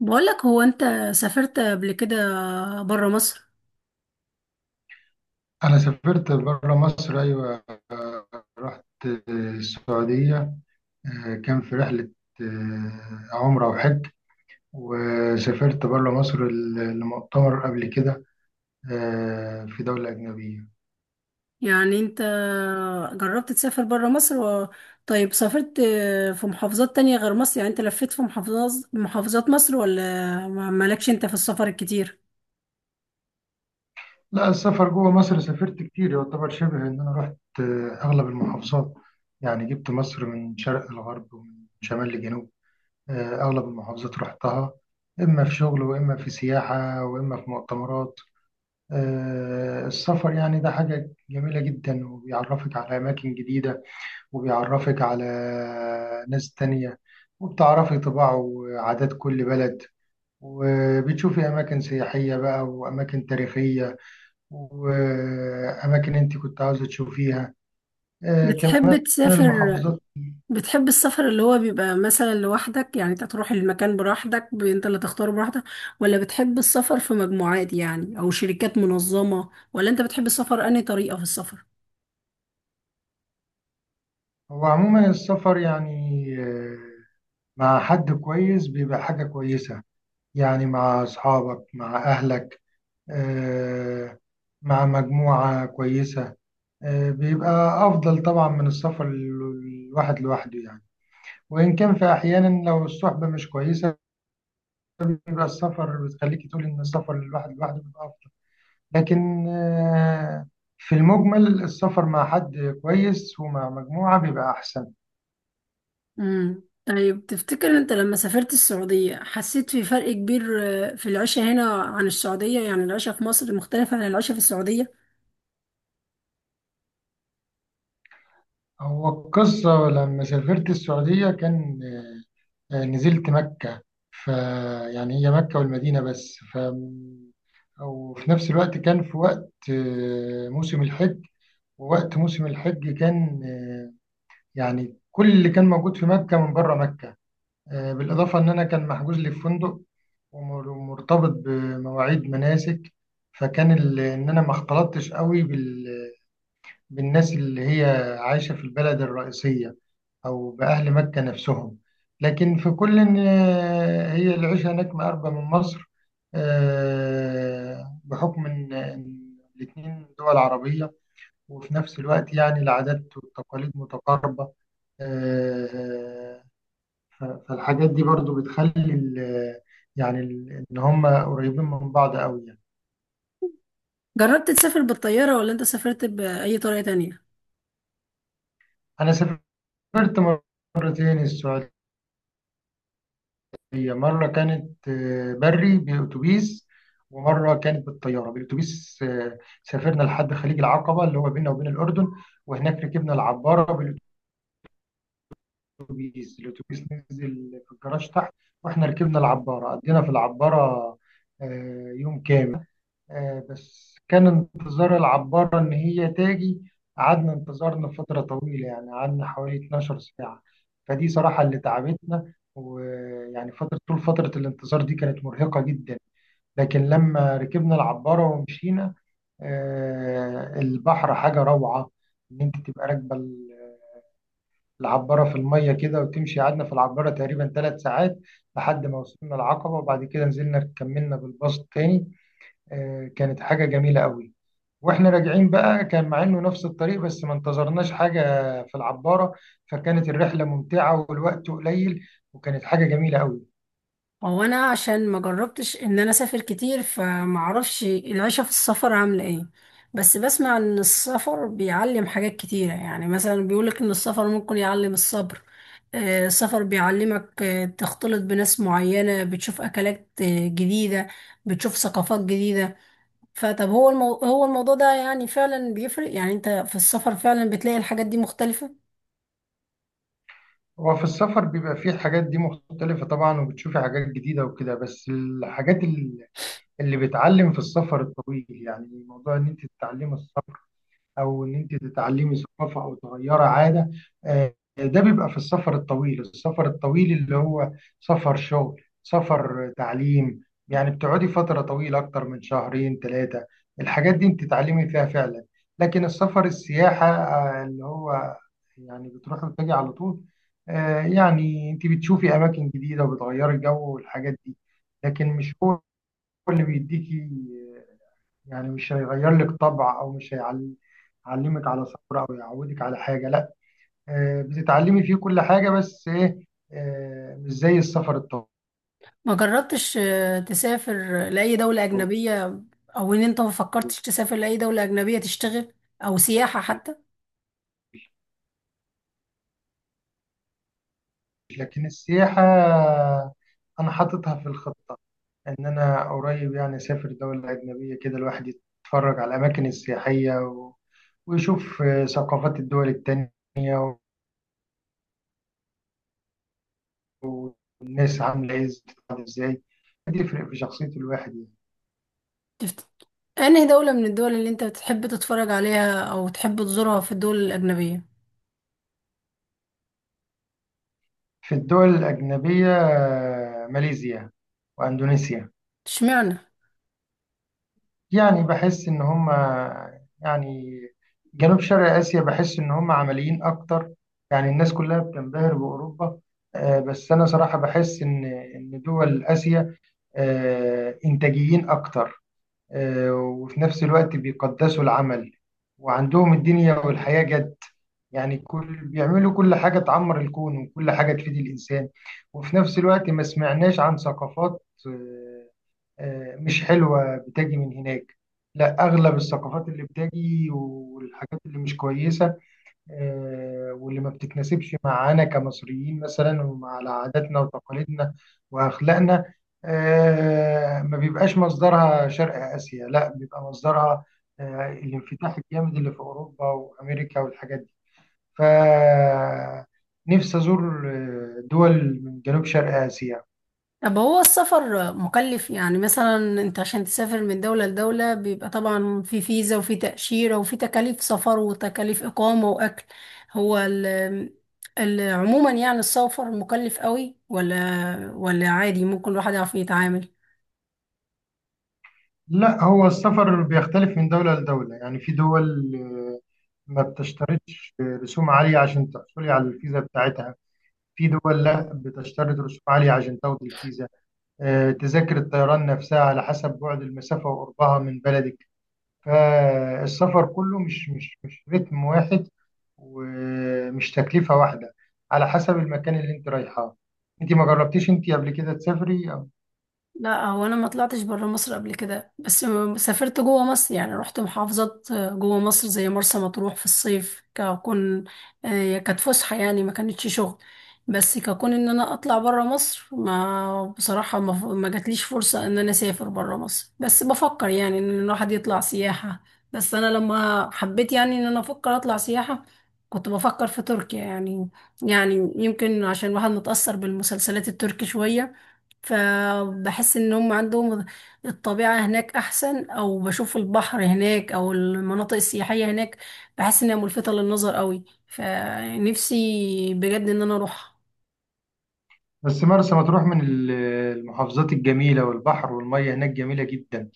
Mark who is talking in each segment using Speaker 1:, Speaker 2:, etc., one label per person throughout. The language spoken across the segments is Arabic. Speaker 1: بقولك، هو انت سافرت قبل كده برا مصر؟
Speaker 2: أنا سافرت برا مصر، أيوة، رحت السعودية. كان في رحلة. عمرة وحج. وسافرت برا مصر لمؤتمر قبل كده. في دولة أجنبية.
Speaker 1: يعني انت جربت تسافر برا مصر طيب سافرت في محافظات تانية غير مصر؟ يعني انت لفيت في محافظات مصر ولا مالكش انت في السفر الكتير؟
Speaker 2: لا، السفر جوه مصر سافرت كتير، يعتبر شبه إن أنا رحت أغلب المحافظات. يعني جبت مصر من شرق لغرب، ومن شمال لجنوب. أغلب المحافظات رحتها، إما في شغل وإما في سياحة وإما في مؤتمرات. السفر يعني ده حاجة جميلة جدا، وبيعرفك على أماكن جديدة، وبيعرفك على ناس تانية، وبتعرفي طباع وعادات كل بلد، وبتشوفي أماكن سياحية بقى وأماكن تاريخية، وأماكن أنت كنت عاوزة تشوفيها. كمان
Speaker 1: بتحب تسافر؟
Speaker 2: المحافظات.
Speaker 1: بتحب السفر اللي هو بيبقى مثلا لوحدك، يعني انت تروح المكان براحتك، انت اللي تختاره براحتك، ولا بتحب السفر في مجموعات يعني، او شركات منظمة؟ ولا انت بتحب السفر، انهي طريقة في السفر؟
Speaker 2: هو عموما السفر يعني مع حد كويس بيبقى حاجة كويسة، يعني مع أصحابك مع أهلك. آه، مع مجموعة كويسة. بيبقى أفضل طبعا من السفر الواحد لوحده يعني. وإن كان في أحيانا لو الصحبة مش كويسة، بيبقى السفر بتخليك تقول إن السفر الواحد لوحده بيبقى أفضل. لكن في المجمل السفر مع حد كويس ومع مجموعة بيبقى أحسن.
Speaker 1: طيب تفتكر انت لما سافرت السعودية حسيت في فرق كبير، في العيشة هنا عن السعودية؟ يعني العيشة في مصر مختلفة عن العيشة في السعودية؟
Speaker 2: هو القصة لما سافرت السعودية، كان نزلت مكة. ف يعني هي مكة والمدينة بس. وفي نفس الوقت كان في وقت موسم الحج. ووقت موسم الحج كان يعني كل اللي كان موجود في مكة من بره مكة. بالإضافة إن أنا كان محجوز لي في فندق، ومرتبط بمواعيد مناسك. فكان إن أنا ما اختلطتش قوي بالناس اللي هي عايشة في البلد الرئيسية، أو بأهل مكة نفسهم. لكن في كل إن هي العيشة هناك مقربة من مصر. بحكم إن الاتنين دول عربية، وفي نفس الوقت يعني العادات والتقاليد متقاربة. آه، فالحاجات دي برضو بتخلي يعني إن هم قريبين من بعض أوي يعني.
Speaker 1: جربت تسافر بالطيارة ولا انت سافرت بأي طريقة تانية؟
Speaker 2: أنا سافرت مرتين السعودية. هي مرة كانت بري بأتوبيس، ومرة كانت بالطيارة. بالأتوبيس سافرنا لحد خليج العقبة اللي هو بيننا وبين الأردن، وهناك ركبنا العبارة. بالأتوبيس، الأتوبيس نزل في الجراج تحت، وإحنا ركبنا العبارة. قضينا في العبارة يوم كامل. بس كان انتظار العبارة إن هي تاجي، قعدنا انتظارنا فترة طويلة، يعني قعدنا حوالي 12 ساعة. فدي صراحة اللي تعبتنا، ويعني فترة طول فترة الانتظار دي كانت مرهقة جدا. لكن لما ركبنا العبارة ومشينا، البحر حاجة روعة، إن أنت تبقى راكبة العبارة في المية كده وتمشي. قعدنا في العبارة تقريبا ثلاث ساعات لحد ما وصلنا العقبة، وبعد كده نزلنا كملنا بالباص تاني. كانت حاجة جميلة قوي. واحنا راجعين بقى كان مع انه نفس الطريق، بس ما انتظرناش حاجة في العبارة. فكانت الرحلة ممتعة والوقت قليل، وكانت حاجة جميلة قوي.
Speaker 1: هو انا عشان ما جربتش ان انا اسافر كتير، فما اعرفش العيشه في السفر عامله ايه، بس بسمع ان السفر بيعلم حاجات كتيره. يعني مثلا بيقولك ان السفر ممكن يعلم الصبر، السفر بيعلمك، تختلط بناس معينه، بتشوف اكلات جديده، بتشوف ثقافات جديده. هو الموضوع ده يعني فعلا بيفرق؟ يعني انت في السفر فعلا بتلاقي الحاجات دي مختلفه؟
Speaker 2: وفي السفر بيبقى فيه الحاجات دي مختلفة طبعا، وبتشوفي حاجات جديدة وكده. بس الحاجات اللي بتعلم في السفر الطويل، يعني موضوع ان انت تتعلمي الصبر، او ان انت تتعلمي ثقافه او تغيري عاده، ده بيبقى في السفر الطويل. السفر الطويل اللي هو سفر شغل، سفر تعليم، يعني بتقعدي فتره طويله اكتر من شهرين ثلاثه، الحاجات دي انت تتعلمي فيها فعلا. لكن السفر السياحه اللي هو يعني بتروحي وتجي على طول، يعني انت بتشوفي اماكن جديده وبتغيري الجو والحاجات دي. لكن مش هو اللي بيديكي، يعني مش هيغير لك طبع او مش هيعلمك على صبر او يعودك على حاجه، لا. بتتعلمي فيه كل حاجه، بس ايه؟ مش زي السفر الطويل.
Speaker 1: ما جربتش تسافر لأي دولة أجنبية؟ أو إن أنت ما فكرتش تسافر لأي دولة أجنبية تشتغل أو سياحة حتى؟
Speaker 2: لكن السياحه انا حاططها في الخطه، ان انا قريب يعني اسافر دوله اجنبيه كده، الواحد يتفرج على الاماكن السياحيه ويشوف ثقافات الدول التانيه، والناس عامله ايه، بتتعامل ازاي، بيفرق في شخصيه الواحد يعني.
Speaker 1: تفت... أنهي دولة من الدول اللي أنت بتحب تتفرج عليها أو تحب تزورها في الدول الأجنبية؟
Speaker 2: في الدول الأجنبية ماليزيا وأندونيسيا.
Speaker 1: اشمعنى؟
Speaker 2: يعني بحس إن هم، يعني جنوب شرق آسيا، بحس إن هم عمليين أكتر. يعني الناس كلها بتنبهر بأوروبا، بس أنا صراحة بحس إن دول آسيا إنتاجيين أكتر. وفي نفس الوقت بيقدسوا العمل، وعندهم الدنيا والحياة جد، يعني كل بيعملوا كل حاجة تعمر الكون وكل حاجة تفيد الإنسان. وفي نفس الوقت ما سمعناش عن ثقافات مش حلوة بتجي من هناك، لا. أغلب الثقافات اللي بتجي والحاجات اللي مش كويسة واللي ما بتتناسبش معانا كمصريين مثلا، ومع عاداتنا وتقاليدنا وأخلاقنا، ما بيبقاش مصدرها شرق آسيا، لا بيبقى مصدرها الانفتاح الجامد اللي في أوروبا وأمريكا والحاجات. فنفسي أزور دول من جنوب شرق آسيا.
Speaker 1: طب هو السفر مكلف؟ يعني مثلا انت عشان تسافر من دولة لدولة بيبقى طبعا في فيزا وفي تأشيرة وفي تكاليف سفر وتكاليف إقامة وأكل، هو ال عموما يعني السفر مكلف قوي ولا عادي ممكن الواحد يعرف يتعامل؟
Speaker 2: لا، هو السفر بيختلف من دولة لدولة، يعني في دول ما بتشترطش رسوم عالية عشان تحصلي على الفيزا بتاعتها، في دول لا بتشترط رسوم عالية عشان تاخدي الفيزا. تذاكر الطيران نفسها على حسب بعد المسافة وقربها من بلدك. فالسفر كله مش رتم واحد، ومش تكلفة واحدة، على حسب المكان اللي انت رايحاه. انت ما جربتيش انت قبل كده تسافري
Speaker 1: لا، هو انا ما طلعتش بره مصر قبل كده، بس سافرت جوه مصر، يعني رحت محافظات جوه مصر زي مرسى مطروح في الصيف ككون، كانت فسحه يعني ما كانتش شغل، بس ككون ان انا اطلع بره مصر، ما بصراحه ما جاتليش فرصه ان انا اسافر بره مصر، بس بفكر يعني ان الواحد يطلع سياحه. بس انا لما حبيت يعني ان انا افكر اطلع سياحه، كنت بفكر في تركيا. يعني يعني يمكن عشان الواحد متأثر بالمسلسلات التركي شوية، فبحس ان هم عندهم الطبيعة هناك احسن، او بشوف البحر هناك، او المناطق السياحية هناك بحس انها ملفتة للنظر قوي، فنفسي بجد ان انا اروح.
Speaker 2: بس مرسى مطروح من المحافظات الجميلة، والبحر والمية هناك جميلة جدا.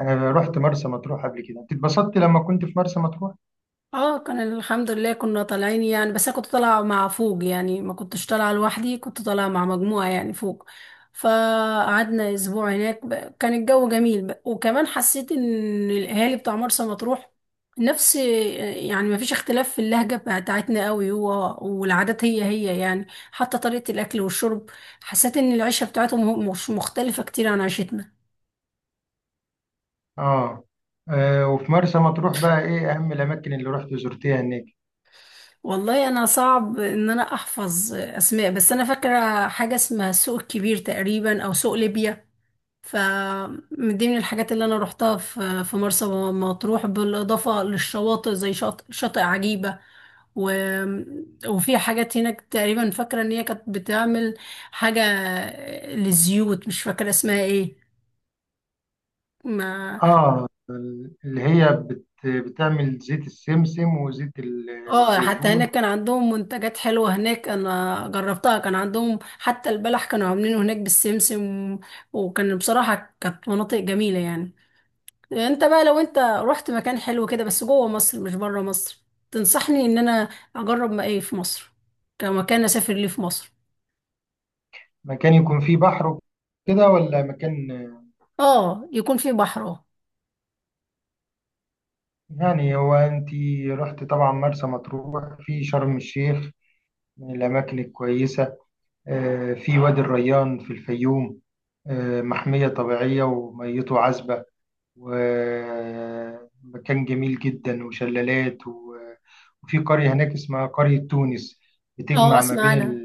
Speaker 2: انا رحت مرسى مطروح قبل كده. انت اتبسطت لما كنت في مرسى مطروح؟
Speaker 1: اه، كان الحمد لله، كنا طالعين يعني، بس انا كنت طالعه مع فوق، يعني ما كنتش طالعه لوحدي، كنت طالعه مع مجموعه يعني فوق، فقعدنا اسبوع هناك كان الجو جميل، وكمان حسيت ان الاهالي بتاع مرسى مطروح نفس، يعني ما فيش اختلاف في اللهجه بتاعتنا قوي هو، والعادات هي هي، يعني حتى طريقه الاكل والشرب حسيت ان العيشه بتاعتهم مش مختلفه كتير عن عيشتنا.
Speaker 2: اه. وفي مرسى مطروح بقى، ايه اهم الاماكن اللي رحت زرتيها هناك؟
Speaker 1: والله انا صعب ان انا احفظ اسماء، بس انا فاكره حاجه اسمها سوق الكبير تقريبا او سوق ليبيا، ف من ضمن الحاجات اللي انا روحتها في مرسى مطروح بالاضافه للشواطئ زي شاطئ, شاطئ عجيبه و... وفي حاجات هناك تقريبا فاكره ان هي كانت بتعمل حاجه للزيوت، مش فاكره اسمها ايه ما.
Speaker 2: اه. اللي هي بتعمل زيت السمسم وزيت
Speaker 1: اه، حتى
Speaker 2: الزيتون.
Speaker 1: هناك كان عندهم منتجات حلوة هناك انا جربتها، كان عندهم حتى البلح كانوا عاملينه هناك بالسمسم، وكان بصراحة كانت مناطق جميلة يعني. انت بقى لو انت رحت مكان حلو كده بس جوه مصر مش بره مصر، تنصحني ان انا اجرب ما ايه في مصر كمكان اسافر ليه في مصر؟
Speaker 2: مكان يكون فيه بحر كده ولا مكان؟
Speaker 1: اه يكون فيه بحر، اه.
Speaker 2: يعني هو انت رحت طبعا مرسى مطروح، في شرم الشيخ من الاماكن الكويسه. في وادي الريان في الفيوم، محميه طبيعيه وميته عذبه، ومكان جميل جدا، وشلالات وفي قريه هناك اسمها قريه تونس،
Speaker 1: اه
Speaker 2: بتجمع ما بين
Speaker 1: اسمع انا،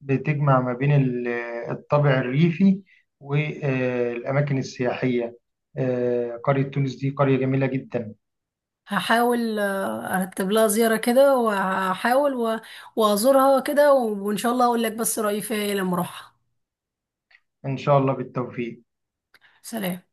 Speaker 2: بتجمع ما بين الطابع الريفي والأماكن السياحية. قرية تونس دي قرية جميلة جدا.
Speaker 1: هحاول ارتب لها زيارة كده، وهحاول وازورها كده، وان شاء الله اقول لك بس رأيي فيها إيه لما اروحها.
Speaker 2: إن شاء الله بالتوفيق.
Speaker 1: سلام.